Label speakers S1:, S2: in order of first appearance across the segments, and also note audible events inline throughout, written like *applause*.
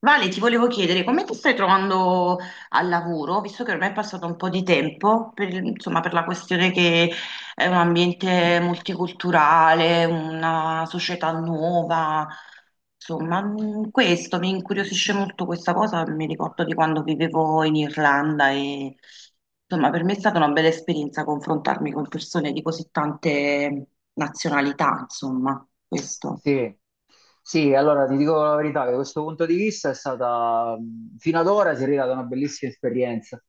S1: Vale, ti volevo chiedere come ti stai trovando al lavoro, visto che ormai è passato un po' di tempo, insomma, per la questione che è un ambiente multiculturale, una società nuova, insomma, questo mi incuriosisce molto questa cosa. Mi ricordo di quando vivevo in Irlanda e insomma, per me è stata una bella esperienza confrontarmi con persone di così tante nazionalità, insomma, questo.
S2: Sì, sì, allora ti dico la verità che da questo punto di vista è stata, fino ad ora si è arrivata una bellissima esperienza.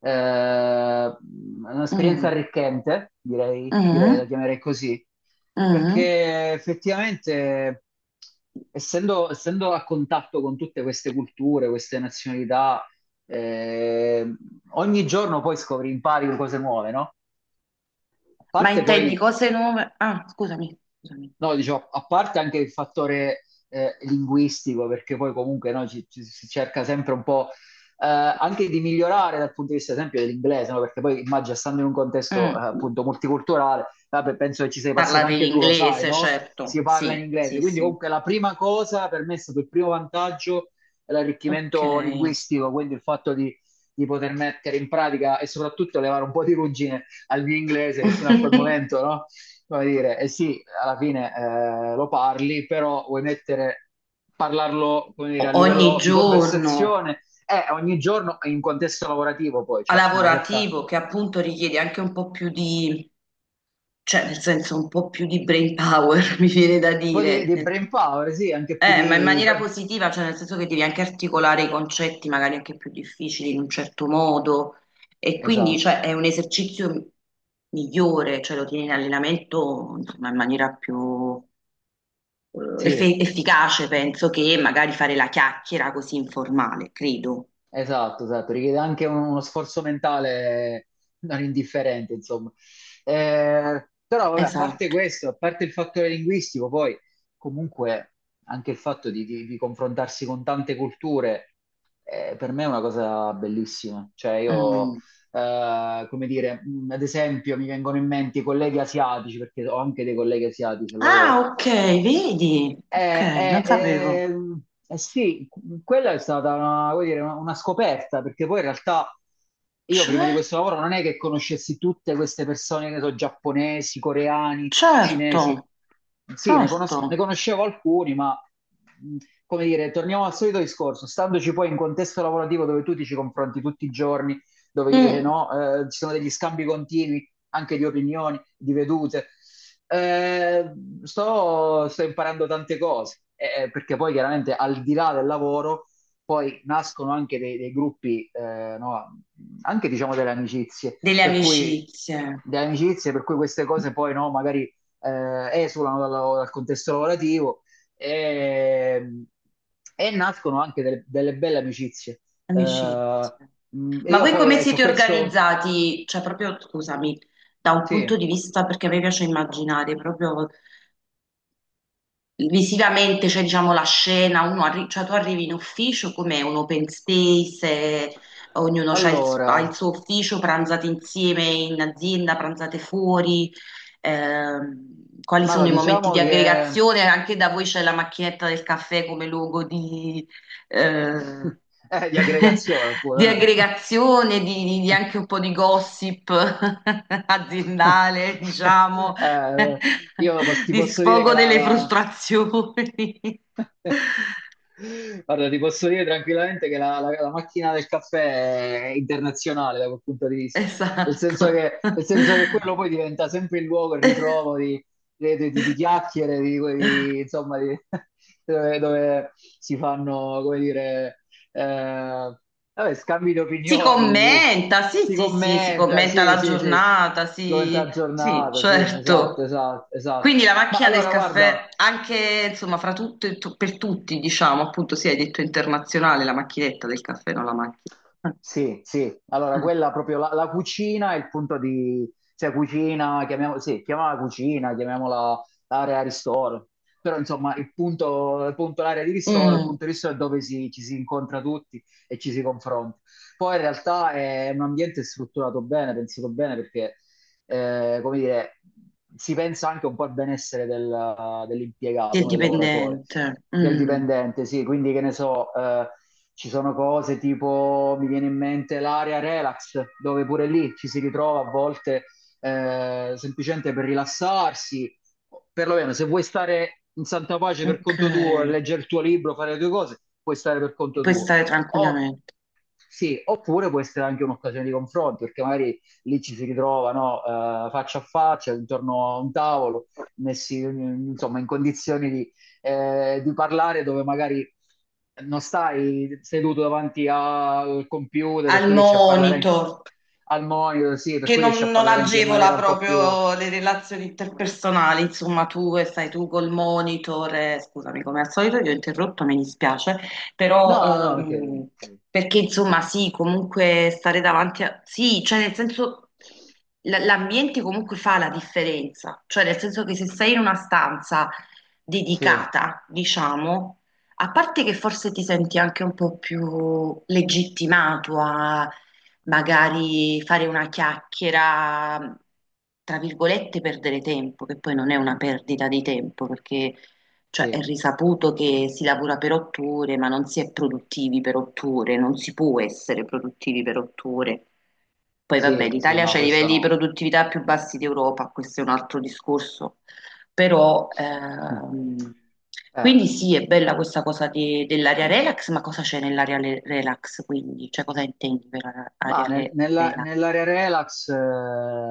S2: Un'esperienza
S1: Mm,
S2: arricchente, direi, direi,
S1: mm,
S2: la chiamerei così,
S1: mm.
S2: perché effettivamente essendo a contatto con tutte queste culture, queste nazionalità, eh, ogni giorno poi scopri, impari cose nuove, no? A
S1: Ma
S2: parte
S1: intendi
S2: poi
S1: cose nuove? Ah, scusami, scusami.
S2: no, diciamo, a parte anche il fattore linguistico, perché poi comunque no, si cerca sempre un po' anche di migliorare dal punto di vista, ad esempio, dell'inglese, no? Perché poi immagino, stando in un contesto
S1: Mm.
S2: appunto multiculturale, vabbè, penso che ci sei passato
S1: Parlate in
S2: anche tu, lo sai,
S1: inglese,
S2: no? Si
S1: certo.
S2: parla in
S1: Sì, sì,
S2: inglese, quindi
S1: sì.
S2: comunque la prima cosa per me è stato il primo vantaggio è
S1: Ok.
S2: l'arricchimento linguistico, quindi il fatto di poter mettere in pratica e soprattutto levare un po' di ruggine al mio inglese che fino a quel momento,
S1: *laughs*
S2: no? Come dire, eh sì, alla fine lo parli, però vuoi mettere, parlarlo, come dire, a
S1: Ogni
S2: livello di
S1: giorno
S2: conversazione, ogni giorno in contesto lavorativo poi,
S1: a
S2: cioè c'è una certa,
S1: lavorativo che appunto richiede anche un po' più di, cioè nel senso un po' più di brain power, *laughs* mi viene da
S2: un po' di,
S1: dire.
S2: di brain power, sì, anche più
S1: Ma in
S2: di...
S1: maniera positiva, cioè nel senso che devi anche articolare i concetti magari anche più difficili in un certo modo e quindi cioè,
S2: Esatto,
S1: è un esercizio migliore, cioè lo tieni in allenamento insomma, in maniera più eh,
S2: sì.
S1: efficace, penso, che magari fare la chiacchiera così informale, credo.
S2: Esatto, esatto, richiede anche uno sforzo mentale non indifferente, insomma. Però, vabbè, a parte
S1: Esatto.
S2: questo, a parte il fattore linguistico, poi comunque anche il fatto di confrontarsi con tante culture, per me è una cosa bellissima. Cioè, io,
S1: Mm.
S2: come dire, ad esempio, mi vengono in mente i colleghi asiatici, perché ho anche dei colleghi asiatici al
S1: Ah,
S2: lavoro,
S1: ok, vedi? Ok,
S2: eh,
S1: non sapevo.
S2: eh, ehm, eh sì, quella è stata vuol dire, una scoperta, perché poi in realtà io prima di
S1: Cioè,
S2: questo lavoro non è che conoscessi tutte queste persone, che so, giapponesi, coreani, cinesi.
S1: certo,
S2: Sì, ne
S1: certo.
S2: conoscevo alcuni, ma mh, come dire, torniamo al solito discorso, standoci poi in contesto lavorativo dove tu ti ci confronti tutti i giorni, dove
S1: Mm,
S2: no, ci sono degli scambi continui, anche di opinioni, di vedute. Eh, sto sto imparando tante cose, perché poi chiaramente al di là del lavoro poi nascono anche dei gruppi, no, anche diciamo delle amicizie,
S1: delle
S2: per cui
S1: amicizie.
S2: delle amicizie, per cui queste cose poi no, magari esulano dal, dal contesto lavorativo e, e nascono anche delle belle amicizie. Eh,
S1: Amicizia.
S2: e
S1: Ma
S2: io
S1: voi
S2: poi
S1: come
S2: ho
S1: siete
S2: questo,
S1: organizzati? Cioè, proprio, scusami, da un
S2: sì.
S1: punto di vista, perché a me piace immaginare proprio. Visivamente c'è diciamo la scena, cioè tu arrivi in ufficio come un open space, eh, ognuno ha il suo
S2: Allora,
S1: ufficio, pranzate insieme in azienda, pranzate fuori, quali sono i momenti
S2: diciamo
S1: di
S2: che
S1: aggregazione, anche da voi c'è la macchinetta del caffè come luogo di, eh,
S2: *laughs* è di
S1: *laughs*
S2: aggregazione
S1: di
S2: pure.
S1: aggregazione, di, di anche un po' di gossip *laughs* aziendale,
S2: *laughs*
S1: diciamo.
S2: Eh,
S1: *laughs*
S2: io ti
S1: Di
S2: posso dire che
S1: sfogo delle frustrazioni.
S2: *laughs*
S1: *laughs*
S2: guarda, ti posso dire tranquillamente che la macchina del caffè è internazionale da quel punto di vista, nel senso
S1: Esatto.
S2: che, nel senso che quello poi diventa sempre il luogo, il ritrovo di chiacchiere, insomma, *laughs* dove, dove si fanno, come dire, eh, vabbè, scambi di
S1: Si
S2: opinioni,
S1: commenta, sì,
S2: si
S1: sì, sì, si
S2: commenta,
S1: commenta
S2: sì,
S1: la
S2: sì, sì, si
S1: giornata,
S2: commenta la
S1: sì, sì,
S2: giornata, sì, esatto,
S1: certo.
S2: esatto, esatto.
S1: Quindi la
S2: Ma
S1: macchina del
S2: allora, guarda.
S1: caffè, anche insomma, fra tutto per tutti, diciamo, appunto, sì, hai detto internazionale, la macchinetta del caffè, non la macchina. *laughs*
S2: Sì, sì, allora
S1: Eh.
S2: quella proprio la cucina è il punto cioè cucina, chiamiamola, sì, chiamiamola cucina, chiamiamola area ristoro, però insomma il punto, l'area di ristoro, il
S1: Mm,
S2: punto di ristoro è dove ci si incontra tutti e ci si confronta. Poi in realtà è un ambiente strutturato bene, pensato bene perché, come dire, si pensa anche un po' al benessere dell'impiegato,
S1: del
S2: no. Del lavoratore
S1: dipendente.
S2: del
S1: Mm,
S2: dipendente, sì, quindi che ne so, ci sono cose tipo, mi viene in mente l'area relax, dove pure lì ci si ritrova a volte semplicemente per rilassarsi, perlomeno se vuoi stare in santa pace per
S1: ok,
S2: conto tuo, leggere il tuo libro, fare le tue cose, puoi stare per conto
S1: puoi
S2: tuo.
S1: stare
S2: O
S1: tranquillamente.
S2: Sì, oppure può essere anche un'occasione di confronto, perché magari lì ci si ritrova, no, faccia a faccia, intorno a un tavolo, messi, insomma, in condizioni di parlare dove magari non stai seduto davanti al computer, per
S1: Al
S2: cui riesci a parlare anche
S1: monitor,
S2: al monitor, sì, per
S1: che
S2: cui
S1: non,
S2: riesci a
S1: non
S2: parlare anche in
S1: agevola
S2: maniera un po' più...
S1: proprio le relazioni interpersonali, insomma, tu e stai tu col monitor, scusami, come al solito ti ho interrotto, mi dispiace, però
S2: No, no, perché...
S1: ehm, perché insomma sì, comunque stare davanti a... Sì, cioè nel senso l'ambiente comunque fa la differenza, cioè nel senso che se sei in una stanza
S2: Sì,
S1: dedicata, diciamo, a parte che forse ti senti anche un po' più legittimato a magari fare una chiacchiera, tra virgolette, perdere tempo, che poi non è una perdita di tempo, perché cioè, è
S2: sì,
S1: risaputo che si lavora per otto ore, ma non si è produttivi per otto ore, non si può essere produttivi per otto ore. Poi vabbè,
S2: sì, sì,
S1: l'Italia
S2: no,
S1: ha i
S2: questo
S1: livelli di
S2: no.
S1: produttività più bassi d'Europa, questo è un altro discorso. Però,
S2: Mm. Eh.
S1: quindi sì, è bella questa cosa dell'area relax, ma cosa c'è nell'area relax quindi? Cioè cosa intendi per
S2: Ma
S1: area relax?
S2: nell'area relax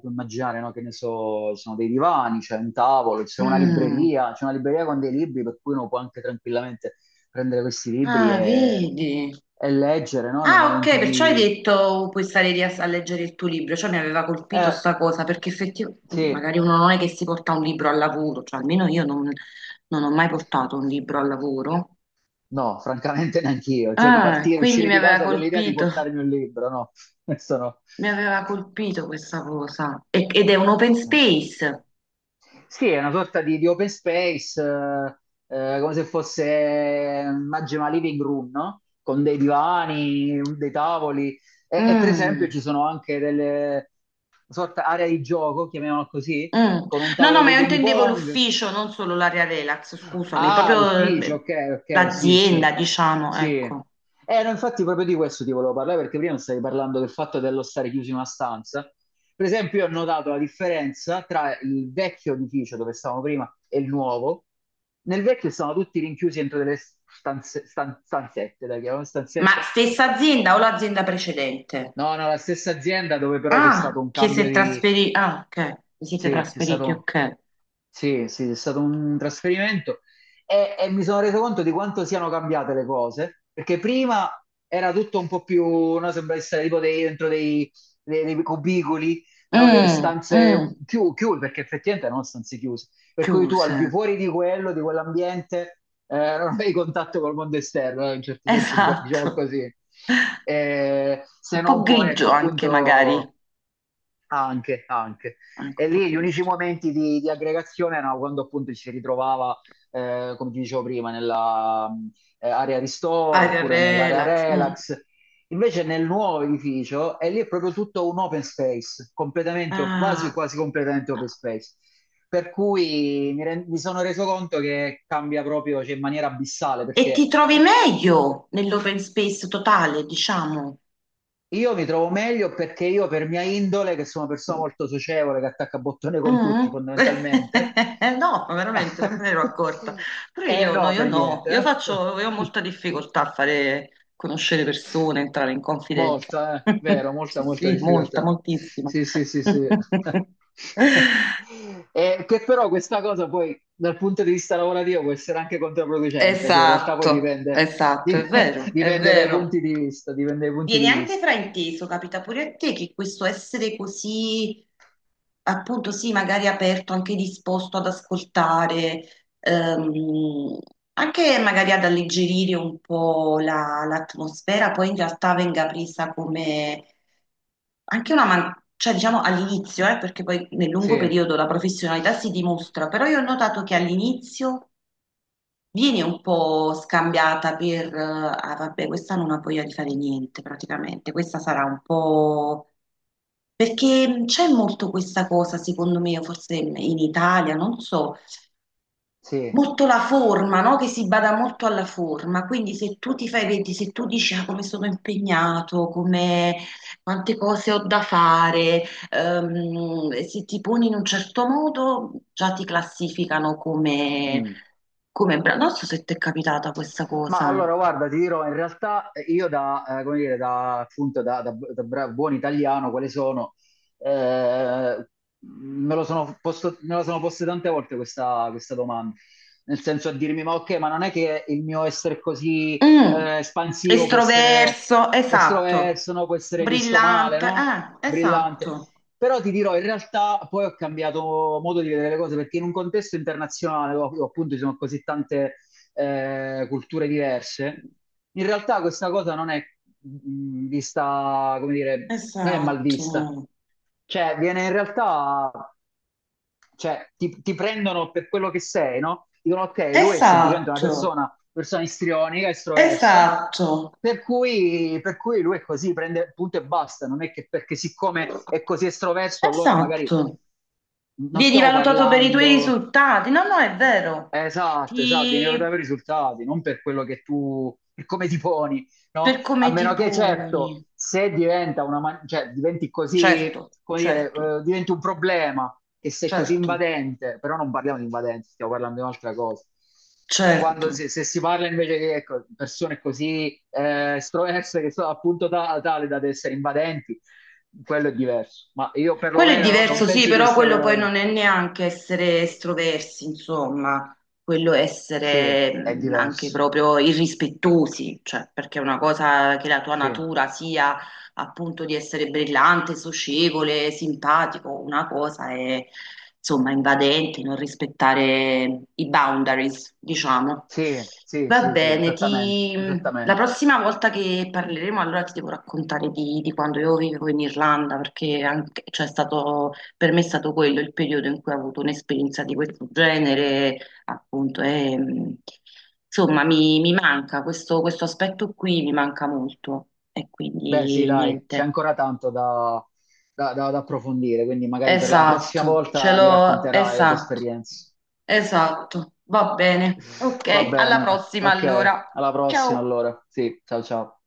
S2: puoi immaginare, no. Che ne so, ci sono dei divani, c'è un tavolo,
S1: Mm.
S2: c'è una libreria con dei libri per cui uno può anche tranquillamente prendere questi libri
S1: Ah,
S2: e,
S1: vedi.
S2: e leggere, no? Nei
S1: Ah, ok,
S2: momenti
S1: perciò hai
S2: di...
S1: detto puoi stare lì a leggere il tuo libro, cioè mi aveva colpito
S2: Eh,
S1: sta cosa, perché effettivamente
S2: sì,
S1: magari uno non è che si porta un libro al lavoro, cioè almeno io non, ho mai portato un libro al lavoro.
S2: no, francamente *laughs* neanch'io. Cioè,
S1: Ah,
S2: partire,
S1: quindi
S2: uscire
S1: mi
S2: di
S1: aveva
S2: casa con l'idea di
S1: colpito.
S2: portarmi un libro, no? *laughs* Questo
S1: Mi aveva colpito questa cosa. Ed è un open
S2: no.
S1: space.
S2: Sì, è una sorta di open space, come se fosse Magema Living Room, no? Con dei divani, dei tavoli e per esempio
S1: Mm,
S2: ci sono anche delle sorta area di gioco, chiamiamola così,
S1: mm.
S2: con un
S1: No, no,
S2: tavolo
S1: ma
S2: di
S1: io
S2: ping
S1: intendevo
S2: pong.
S1: l'ufficio, non solo l'area relax, scusami,
S2: Ah,
S1: proprio
S2: l'ufficio, ok, ok, sì, sì,
S1: l'azienda, diciamo,
S2: sì.
S1: ecco.
S2: No, infatti proprio di questo ti volevo parlare perché prima stavi parlando del fatto dello stare chiusi in una stanza. Per esempio, io ho notato la differenza tra il vecchio edificio dove stavamo prima e il nuovo. Nel vecchio stavano tutti rinchiusi dentro delle stanzette, dai, chiamavano
S1: Ma
S2: stanzette.
S1: stessa azienda o l'azienda precedente?
S2: No, no, la stessa azienda dove però c'è stato
S1: Ah,
S2: un
S1: che si
S2: cambio
S1: è
S2: di...
S1: trasferito. Ah, ok. Vi siete
S2: Sì, c'è
S1: trasferiti,
S2: stato...
S1: ok.
S2: Sì, sì, è stato un trasferimento e mi sono reso conto di quanto siano cambiate le cose, perché prima era tutto un po' più, no, sembra essere tipo dentro dei cubicoli, no, delle
S1: Mm,
S2: stanze
S1: mm,
S2: chiuse, perché effettivamente erano stanze chiuse, per cui tu al
S1: chiuse.
S2: di fuori di quello, di quell'ambiente, non avevi contatto col mondo esterno, in un certo senso, diciamo, diciamo
S1: Esatto.
S2: così. Se
S1: Un po'
S2: non poi,
S1: grigio
S2: ecco,
S1: anche, magari.
S2: appunto
S1: Anche
S2: anche, anche.
S1: un
S2: E
S1: po'
S2: lì gli unici
S1: grigio.
S2: momenti di aggregazione erano quando appunto ci si ritrovava, come ti dicevo prima, nella area ristoro
S1: Aria
S2: oppure nell'area
S1: relax. Mm.
S2: relax. Invece nel nuovo edificio, e lì è proprio tutto un open space, completamente, quasi,
S1: Ah,
S2: quasi completamente open space. Per cui mi sono reso conto che cambia proprio, cioè, in maniera abissale,
S1: e ti
S2: perché
S1: trovi meglio nell'open space totale, diciamo.
S2: io mi trovo meglio perché io, per mia indole, che sono una persona molto socievole, che attacca bottone con
S1: Mm.
S2: tutti fondamentalmente,
S1: *laughs* No, veramente non me ne ero accorta.
S2: *laughs*
S1: Però
S2: eh
S1: io no,
S2: no,
S1: io
S2: per
S1: no, io
S2: niente, eh.
S1: faccio, io ho molta difficoltà a fare conoscere persone, entrare in
S2: *laughs*
S1: confidenza.
S2: Molta, eh.
S1: *laughs*
S2: Vero, molta,
S1: Sì,
S2: molta
S1: sì, molta,
S2: difficoltà.
S1: moltissima.
S2: Sì, sì, sì, sì.
S1: *laughs*
S2: *laughs* Che però questa cosa poi dal punto di vista lavorativo può essere anche controproducente, cioè in realtà poi
S1: Esatto,
S2: dipende,
S1: esatto, è
S2: dipende, *laughs*
S1: vero, è
S2: dipende dai
S1: vero.
S2: punti di vista, dipende dai punti di
S1: Viene anche
S2: vista.
S1: frainteso, capita pure a te che questo essere così appunto, sì, magari aperto, anche disposto ad ascoltare, ehm, anche magari ad alleggerire un po' l'atmosfera, poi in realtà venga presa come anche cioè diciamo all'inizio, perché poi nel lungo
S2: Sì,
S1: periodo la professionalità si dimostra, però io ho notato che all'inizio vieni un po' scambiata per, ah vabbè, questa non ha voglia di fare niente praticamente, questa sarà un po'... Perché c'è molto questa cosa, secondo me, forse in Italia, non so,
S2: sì.
S1: molto la forma, no? Che si bada molto alla forma, quindi se tu ti fai, vedi, se tu dici "Ah, come sono impegnato, come, quante cose ho da fare, e se ti poni in un certo modo, già ti classificano come,
S2: Mm.
S1: come bravo". Non so se ti è capitata questa
S2: Ma
S1: cosa.
S2: allora, guarda, ti dirò, in realtà io come dire, da, appunto, da, da- da buon italiano, quale sono, eh, me lo sono posto, me lo sono posto tante volte questa, questa domanda, nel senso a dirmi, ma ok, ma non è che il mio essere così
S1: Mm,
S2: espansivo può essere
S1: estroverso, esatto,
S2: estroverso, no? Può essere visto male,
S1: brillante,
S2: no? Brillante.
S1: esatto,
S2: Però ti dirò, in realtà poi ho cambiato modo di vedere le cose perché in un contesto internazionale, dove appunto ci sono così tante culture diverse, in realtà questa cosa non è vista, come dire, non è mal
S1: esatto,
S2: vista. Cioè, viene in realtà, cioè, ti prendono per quello che sei, no? Dicono, ok, lui è semplicemente
S1: esatto,
S2: persona istrionica, estroversa,
S1: esatto.
S2: per cui lui è così, prende punto e basta. Non è che perché siccome è così estroverso, allora magari
S1: Esatto,
S2: non
S1: vieni
S2: stiamo
S1: valutato per i tuoi
S2: parlando.
S1: risultati. No, no, è vero.
S2: Esatto, esatto, vieni valutato
S1: Ti...
S2: per i risultati, non per quello che tu, per come ti poni, no?
S1: Per
S2: A
S1: come ti
S2: meno che, certo,
S1: poni.
S2: se diventa una, cioè, diventi così,
S1: Certo,
S2: come dire,
S1: certo,
S2: diventi un problema, che sei così
S1: certo,
S2: invadente, però non parliamo di invadenti, stiamo parlando di un'altra cosa. Quando,
S1: certo.
S2: se, se si parla invece di ecco, persone così estroverse che sono appunto tale da essere invadenti, quello è diverso. Ma io
S1: Quello è
S2: perlomeno non
S1: diverso, sì,
S2: penso di
S1: però
S2: essere
S1: quello poi
S2: invadente.
S1: non è neanche essere estroversi, insomma, quello è
S2: Sì,
S1: essere
S2: è
S1: anche
S2: diverso.
S1: proprio irrispettosi, cioè, perché è una cosa che la tua
S2: Sì.
S1: natura sia appunto di essere brillante, socievole, simpatico, una cosa è insomma invadente, non rispettare i boundaries, diciamo.
S2: Sì, sì,
S1: Va
S2: sì, sì,
S1: bene,
S2: esattamente,
S1: ti... La
S2: esattamente.
S1: prossima volta che parleremo allora ti devo raccontare di quando io vivevo in Irlanda, perché anche, cioè, è stato, per me è stato quello il periodo in cui ho avuto un'esperienza di questo genere, appunto, e, insomma mi manca questo aspetto qui, mi manca molto. E
S2: Beh, sì,
S1: quindi
S2: dai, c'è
S1: niente.
S2: ancora tanto da approfondire, quindi magari per la prossima
S1: Esatto, ce
S2: volta mi
S1: l'ho,
S2: racconterai le tue
S1: esatto,
S2: esperienze.
S1: esatto. Va bene.
S2: Va
S1: Ok, alla
S2: bene,
S1: prossima
S2: ok,
S1: allora.
S2: alla prossima
S1: Ciao.
S2: allora. Sì, ciao ciao.